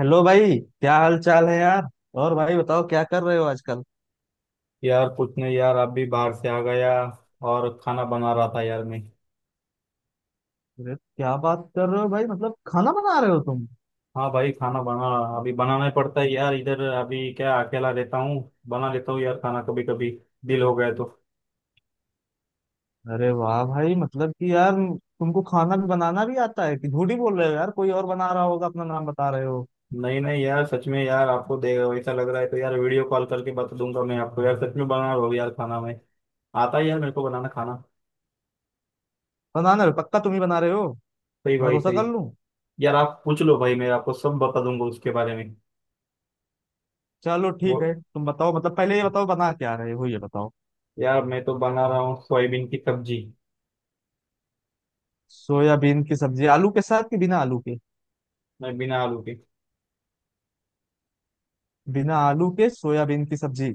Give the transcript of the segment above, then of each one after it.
Hello भाई, क्या हाल चाल है यार। और भाई बताओ, क्या कर रहे हो आजकल। यार कुछ नहीं यार, अभी बाहर से आ गया और खाना बना रहा था यार मैं। अरे क्या बात कर रहे हो भाई, मतलब खाना बना रहे हो तुम। हाँ भाई, खाना बना, अभी बनाना ही पड़ता है यार, इधर अभी क्या अकेला रहता हूँ। बना लेता हूँ यार खाना, कभी कभी दिल हो गया तो। अरे वाह भाई, मतलब कि यार तुमको खाना भी बनाना भी आता है कि झूठी बोल रहे हो यार, कोई और बना रहा होगा, अपना नाम बता रहे हो। नहीं नहीं यार, सच में यार, आपको दे वैसा लग रहा है तो यार वीडियो कॉल करके बता दूंगा मैं आपको, यार सच में बना रहा हूँ यार खाना मैं। आता है यार मेरे को बनाना खाना। बनाना भी पक्का तुम ही बना रहे हो? सही भाई भरोसा सही। कर लूं? यार आप पूछ लो भाई, मैं आपको सब बता दूंगा उसके बारे में। चलो वो, ठीक है, तुम बताओ, मतलब पहले ये बताओ बना क्या रहे हो, ये बताओ। यार मैं तो बना रहा हूँ सोयाबीन की सब्जी। सोयाबीन की सब्जी आलू के साथ कि बिना आलू के? मैं बिना आलू के। बिना आलू के सोयाबीन की सब्जी,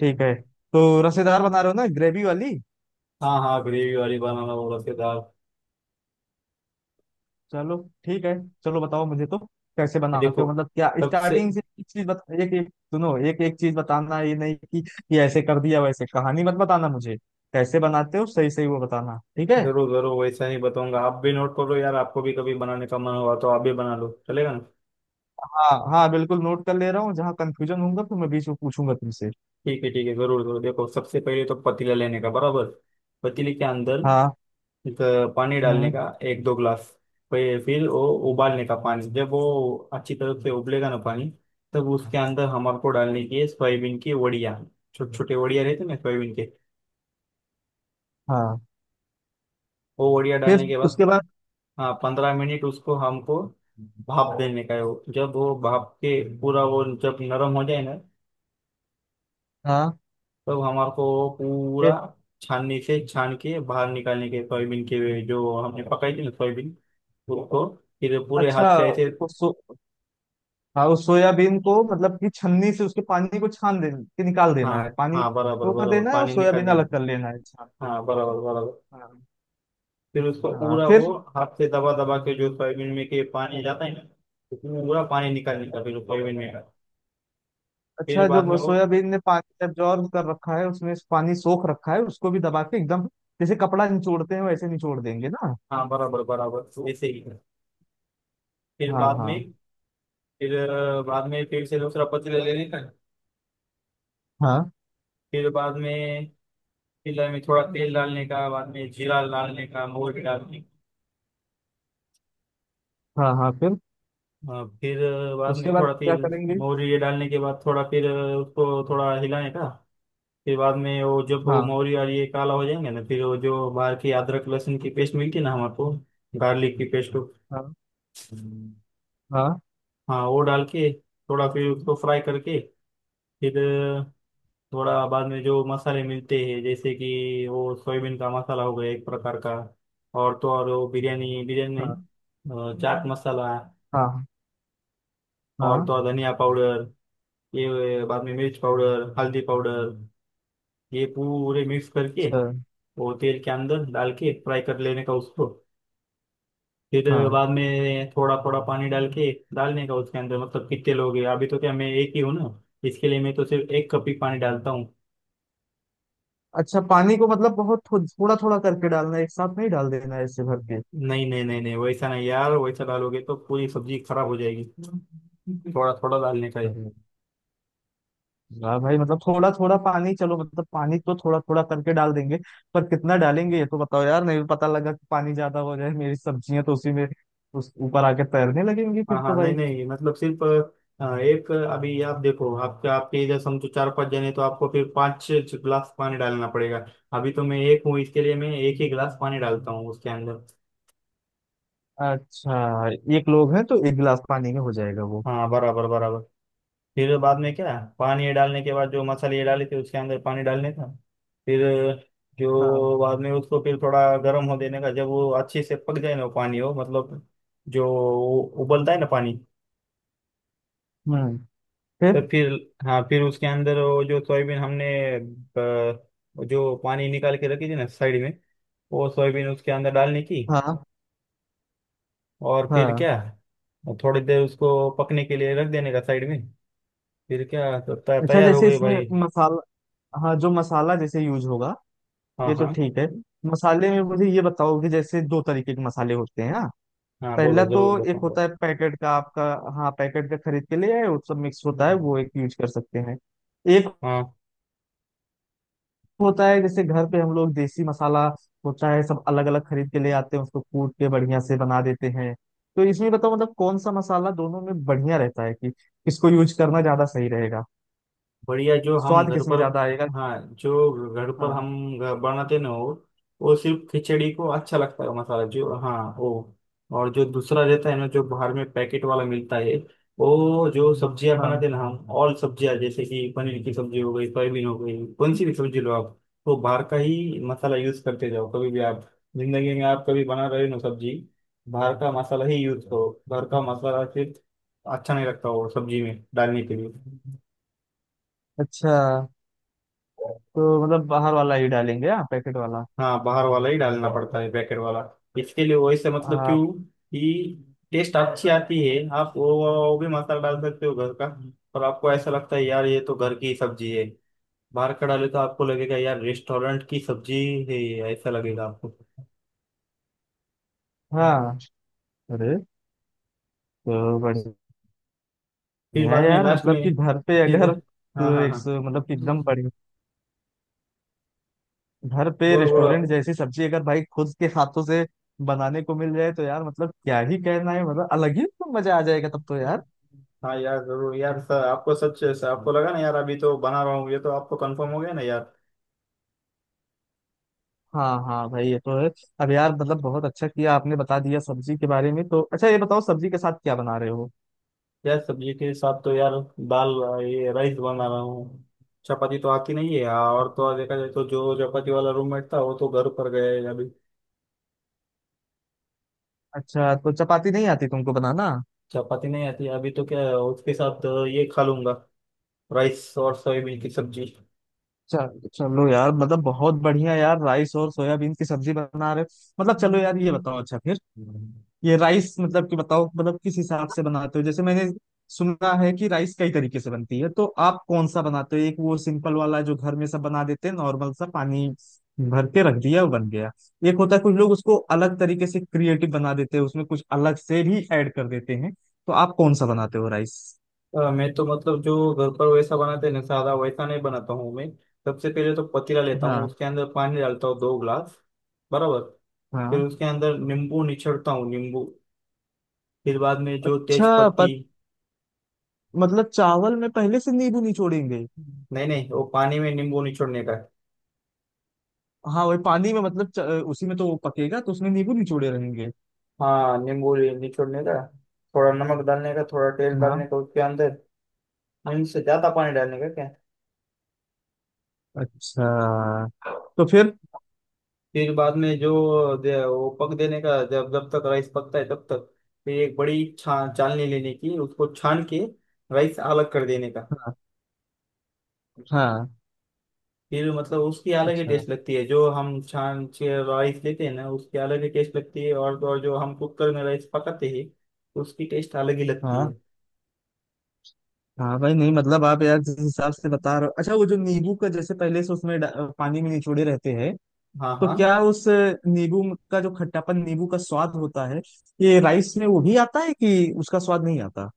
ठीक है। तो रसेदार बना रहे हो ना, ग्रेवी वाली। हाँ हाँ, ग्रेवी वाली, बनाना बोला के दाल। चलो, ठीक है। चलो बताओ मुझे तो, कैसे ये बनाते देखो, हो, मतलब क्या सबसे। स्टार्टिंग से एक चीज बता, एक एक सुनो, एक एक चीज बताना, ये नहीं कि ये ऐसे कर दिया वैसे, कहानी मत बताना मुझे। कैसे बनाते हो सही सही वो बताना, ठीक है। जरूर जरूर, वैसा नहीं बताऊंगा, आप भी नोट करो यार, आपको भी कभी बनाने का मन हुआ तो आप भी बना लो, चलेगा ना। हाँ हाँ, बिल्कुल नोट कर ले रहा हूँ, जहाँ कंफ्यूजन होगा तो मैं बीच में पूछूंगा तुमसे। ठीक है ठीक है, जरूर जरूर, देखो सबसे पहले तो पतीला लेने का बराबर। पतीले के अंदर हाँ। एक पानी डालने हम्म। का, एक दो गिलास। फिर वो उबालने का पानी, जब वो अच्छी तरह से उबलेगा ना पानी, तब उसके अंदर हमारे को डालने की है सोयाबीन की वड़िया। छोटे छोटे वड़िया रहते ना सोयाबीन के। हाँ, वो वड़िया फिर? डालने के बाद, उसके बाद? हाँ 15 मिनट उसको हमको भाप देने का है वो। जब वो भाप के पूरा वो, जब नरम हो जाए ना, हाँ, तब हमारे को वो पूरा फिर? छाननी से छान के बाहर निकालने के, सोयाबीन के वे जो हमने पकाई थी ना सोयाबीन, उसको फिर पूरे हाथ अच्छा। से ऐसे। उस सो, हाँ, उस सोयाबीन को मतलब कि छन्नी से उसके पानी को छान दे के निकाल हाँ देना है, पानी हाँ, बराबर को कर बराबर देना है और पानी निकाल सोयाबीन देने अलग को। कर लेना है छान के। हाँ बराबर बराबर। हाँ। फिर उसको हाँ, पूरा वो फिर? हाथ से दबा दबा के, जो सोयाबीन में के पानी जाता है ना, तो पूरा पानी निकालने का फिर सोयाबीन में का। फिर अच्छा, बाद में जो वो। सोयाबीन ने पानी एब्जॉर्ब कर रखा है, उसमें पानी सोख रखा है, उसको भी दबा के एकदम जैसे कपड़ा निचोड़ते हैं वैसे निचोड़ देंगे ना। हाँ बराबर बराबर, ऐसे ही। फिर हाँ बाद में, हाँ। फिर बाद में फिर से दूसरा पतीला ले लेने का। हाँ फिर बाद में पतीला में थोड़ा तेल डालने का, बाद में जीरा डालने का, मोहरी डालने हाँ हाँ। फिर का, फिर बाद उसके में बाद थोड़ा क्या तेल, करेंगे? मोहरी ये डालने के बाद, थोड़ा फिर उसको थोड़ा हिलाने का। फिर बाद में वो जब वो हाँ मोहरी और ये काला हो जाएंगे ना, फिर वो जो बाहर की अदरक लहसुन की पेस्ट मिलती है ना हमारे को, गार्लिक की पेस्ट। हाँ हाँ। हाँ, वो डाल के थोड़ा फिर उसको फ्राई करके। फिर थोड़ा बाद में जो मसाले मिलते हैं, जैसे कि वो सोयाबीन का मसाला हो गया एक प्रकार का। और तो और वो बिरयानी, बिरयानी हाँ नहीं, चाट मसाला। हाँ और हाँ। तो और धनिया पाउडर, ये बाद में मिर्च पाउडर, हल्दी पाउडर, ये पूरे मिक्स करके सर। वो तेल के अंदर डाल के फ्राई कर लेने का उसको। फिर हाँ। बाद में थोड़ा थोड़ा पानी डाल के डालने का उसके अंदर। मतलब कितने लोग हैं, अभी तो क्या मैं एक ही हूँ ना, इसके लिए मैं तो सिर्फ 1 कप ही पानी डालता हूँ। अच्छा, पानी को मतलब बहुत थोड़ा थोड़ा करके डालना है, एक साथ नहीं डाल देना है ऐसे भर नहीं नहीं नहीं नहीं, वैसा नहीं यार, वैसा डालोगे तो पूरी सब्जी खराब हो जाएगी। थोड़ा थोड़ा डालने का है। के। वाह भाई, मतलब थोड़ा थोड़ा पानी, चलो, मतलब पानी तो थोड़ा थोड़ा करके डाल देंगे, पर कितना डालेंगे ये तो बताओ यार, नहीं पता लगा कि पानी ज्यादा हो जाए, मेरी सब्जियां तो उसी में उस ऊपर आके तैरने लगेंगी हाँ फिर हाँ, तो नहीं भाई। नहीं, मतलब सिर्फ एक, अभी आप देखो, आपके आपके इधर समझो 4-5 जने तो आपको फिर 5-6 गिलास पानी डालना पड़ेगा। अभी तो मैं एक हूँ, इसके लिए मैं एक ही गिलास पानी डालता हूँ उसके अंदर। अच्छा, एक लोग हैं तो एक गिलास पानी में हो जाएगा वो। हाँ बराबर बराबर। फिर बाद में क्या, पानी डालने के बाद जो मसाले ये डाले थे उसके अंदर पानी डालने था। फिर हाँ। जो बाद में उसको फिर थोड़ा गर्म हो देने का, जब वो अच्छे से पक जाए ना वो पानी, हो मतलब जो उबलता है ना पानी। हम्म। फिर? तो फिर, हाँ फिर उसके अंदर वो जो सोयाबीन हमने जो पानी निकाल के रखी थी ना साइड में, वो सोयाबीन उसके अंदर डालने की। हाँ और फिर क्या, हाँ। थोड़ी देर उसको पकने के लिए रख देने का साइड में। फिर क्या तो अच्छा, तैयार हो जैसे गई इसमें भाई। मसाला, हाँ, जो मसाला जैसे यूज होगा, हाँ ये तो हाँ ठीक है। मसाले में मुझे ये बताओ कि जैसे दो तरीके के मसाले होते हैं ना, हाँ, बोलो पहला तो जरूर एक बताऊँ। होता है पैकेट का आपका, हाँ, पैकेट का खरीद के ले आए, वो सब मिक्स हाँ, होता है, वो एक यूज कर सकते हैं। एक होता है जैसे घर पे हम लोग देसी मसाला होता है, सब अलग अलग खरीद के ले आते हैं, उसको कूट के बढ़िया से बना देते हैं। तो इसमें बताओ, मतलब कौन सा मसाला दोनों में बढ़िया रहता है कि किसको यूज करना ज्यादा सही रहेगा, बढ़िया जो हम स्वाद घर किसमें पर। ज्यादा आएगा। हाँ, जो घर पर हाँ हम बनाते ना हो, वो सिर्फ खिचड़ी को अच्छा लगता है मसाला, जो, हाँ वो। और जो दूसरा रहता है ना जो बाहर में पैकेट वाला मिलता है, वो जो सब्जियां हाँ। बनाते ना हम, ऑल सब्जियां, जैसे कि पनीर की सब्जी हो गई, सोयाबीन हो गई, कौन सी भी सब्जी लो आप, वो बाहर का ही मसाला यूज करते जाओ कभी भी आप। जिंदगी में आप कभी बना रहे हो ना सब्जी, बाहर का मसाला ही यूज करो, घर का मसाला सिर्फ अच्छा नहीं लगता वो सब्जी में डालने के लिए। अच्छा, तो मतलब बाहर वाला ही डालेंगे हाँ, पैकेट वाला। हाँ, बाहर वाला ही डालना पड़ता है, पैकेट वाला, इसके लिए वैसे, मतलब आ, क्यों कि टेस्ट अच्छी आती है। आप वो भी मसाला डाल सकते हो घर का, और आपको ऐसा लगता है यार, ये तो घर की सब्जी है, बाहर का डाले तो आपको लगेगा यार रेस्टोरेंट की सब्जी है ये, ऐसा लगेगा आपको। हाँ। अरे तो बढ़िया, फिर मैं बाद में, यार लास्ट मतलब में कि घर पे फिर। अगर हाँ तो हाँ एक हाँ, मतलब कि एकदम बड़ी, घर पे बोलो बोलो रेस्टोरेंट आप। जैसी सब्जी अगर भाई खुद के हाथों से बनाने को मिल जाए तो यार मतलब क्या ही कहना है, मतलब अलग ही तो मजा आ जाएगा तब तो यार। हाँ यार जरूर, यार सर आपको सच, आपको लगा ना यार, अभी तो बना रहा हूँ, ये तो आपको कंफर्म हो गया ना यार। हाँ हाँ भाई, ये तो है। अब यार मतलब बहुत अच्छा किया आपने बता दिया सब्जी के बारे में, तो अच्छा, ये बताओ सब्जी के साथ क्या बना रहे हो। यार सब्जी के साथ तो यार दाल, ये राइस बना रहा हूँ। चपाती तो आती नहीं है, और तो और देखा जाए तो जो चपाती वाला रूममेट था वो तो घर पर गया है अभी। अच्छा, तो चपाती नहीं आती तुमको बनाना। चपाती नहीं आती, अभी तो क्या है, उसके साथ ये खा लूंगा, राइस और सोयाबीन की सब्जी। चल चलो यार, मतलब बहुत बढ़िया यार, राइस और सोयाबीन की सब्जी बना रहे हो, मतलब चलो यार, ये हम्म। बताओ अच्छा फिर, ये राइस मतलब कि बताओ, मतलब किस हिसाब से बनाते हो, जैसे मैंने सुना है कि राइस कई तरीके से बनती है तो आप कौन सा बनाते हो, एक वो सिंपल वाला जो घर में सब बना देते हैं, नॉर्मल सा पानी भर के रख दिया वो बन गया, एक होता है कुछ लोग उसको अलग तरीके से क्रिएटिव बना देते हैं, उसमें कुछ अलग से भी ऐड कर देते हैं, तो आप कौन सा बनाते हो राइस? मैं तो मतलब जो घर पर वैसा बनाते हैं ना सादा, वैसा नहीं बनाता हूँ मैं। सबसे पहले तो पतीला लेता हूँ, हाँ उसके अंदर पानी डालता हूँ 2 ग्लास बराबर। फिर हाँ। उसके अंदर नींबू निचोड़ता हूँ, नींबू। फिर बाद में जो तेज अच्छा पत्ती, मतलब चावल में पहले से नींबू निचोड़ेंगे? नहीं नहीं, वो पानी में नींबू निचोड़ने का है। हाँ वही पानी में, मतलब उसी में तो वो पकेगा तो उसमें नींबू निचोड़े रहेंगे। हाँ नींबू निचोड़ने का, थोड़ा नमक डालने का, थोड़ा तेल हाँ। डालने का उसके अंदर, नींबू से ज्यादा पानी डालने का क्या। अच्छा। तो फिर? फिर बाद में जो वो पक देने का, जब जब तक राइस पकता है तब तक, फिर एक बड़ी छा चालनी लेने की उसको छान के राइस अलग कर देने का। हाँ हाँ। फिर मतलब उसकी अलग ही अच्छा। टेस्ट लगती है, जो हम छान के राइस लेते हैं ना उसकी अलग ही टेस्ट लगती है, और तो और जो हम कुकर में राइस पकाते हैं उसकी टेस्ट अलग ही लगती हाँ है। हाँ भाई, नहीं मतलब आप यार जिस हिसाब से बता रहे हो, अच्छा वो जो नींबू का जैसे पहले से उसमें पानी में निचोड़े रहते हैं हाँ तो हाँ, क्या उस नींबू का जो खट्टापन, नींबू का स्वाद होता है, ये राइस में वो भी आता है कि उसका स्वाद नहीं आता?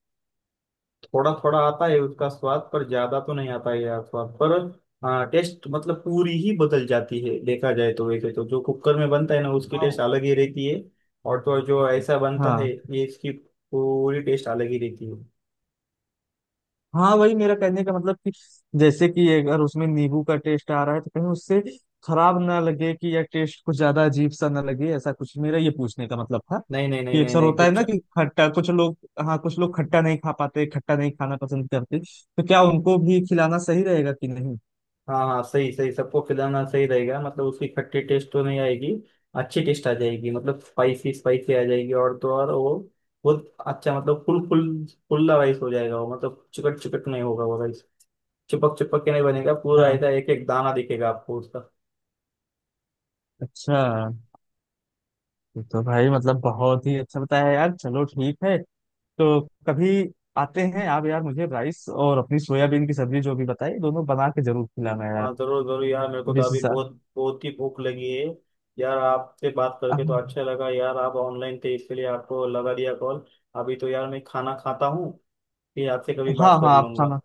थोड़ा थोड़ा आता है उसका स्वाद, पर ज्यादा तो नहीं आता है यार स्वाद पर। हाँ टेस्ट मतलब पूरी ही बदल जाती है देखा जाए तो, वैसे तो जो कुकर में बनता है ना उसकी टेस्ट हाँ। अलग ही रहती है, और तो और जो ऐसा बनता है हाँ, ये इसकी पूरी टेस्ट अलग ही रहती है। हाँ वही मेरा कहने का मतलब कि जैसे कि अगर उसमें नींबू का टेस्ट आ रहा है तो कहीं उससे खराब ना लगे कि या टेस्ट कुछ ज्यादा अजीब सा ना लगे, ऐसा कुछ मेरा ये पूछने का मतलब था नहीं नहीं नहीं कि नहीं अक्सर नहीं, होता है कुछ, ना कि खट्टा कुछ लोग, हाँ कुछ लोग खट्टा नहीं खा पाते, खट्टा नहीं खाना पसंद करते, तो क्या उनको भी खिलाना सही रहेगा कि नहीं। हाँ हाँ, सही सही, सबको खिलाना सही रहेगा, मतलब उसकी खट्टी टेस्ट तो नहीं आएगी, अच्छी टेस्ट आ जाएगी, मतलब स्पाइसी स्पाइसी आ जाएगी, और तो और वो बहुत अच्छा, मतलब फुल फुल फुल्ला राइस हो जाएगा वो, मतलब चिकट चिकट नहीं होगा वो राइस, चिपक चिपक के नहीं बनेगा, पूरा हाँ। ऐसा एक एक दाना दिखेगा आपको उसका। अच्छा, ये तो भाई मतलब बहुत ही अच्छा बताया यार, चलो ठीक है। तो कभी आते हैं आप यार, मुझे राइस और अपनी सोयाबीन की सब्जी जो भी बताई दोनों बना के जरूर खिलाना यार, हाँ जरूर जरूर यार, मेरे को तो अभी डिशेस। बहुत बहुत ही भूख लगी है। यार आपसे बात करके तो हाँ अच्छा लगा यार, आप ऑनलाइन थे इसके लिए आपको लगा दिया कॉल। अभी तो यार मैं खाना खाता हूँ, फिर आपसे कभी बात हाँ। कर हाँ आप लूंगा। खाना,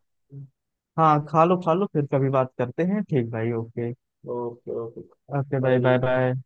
हाँ खा लो खा लो, फिर कभी बात करते हैं, ठीक भाई, okay. Okay okay, okay, bye bye. Bye bye.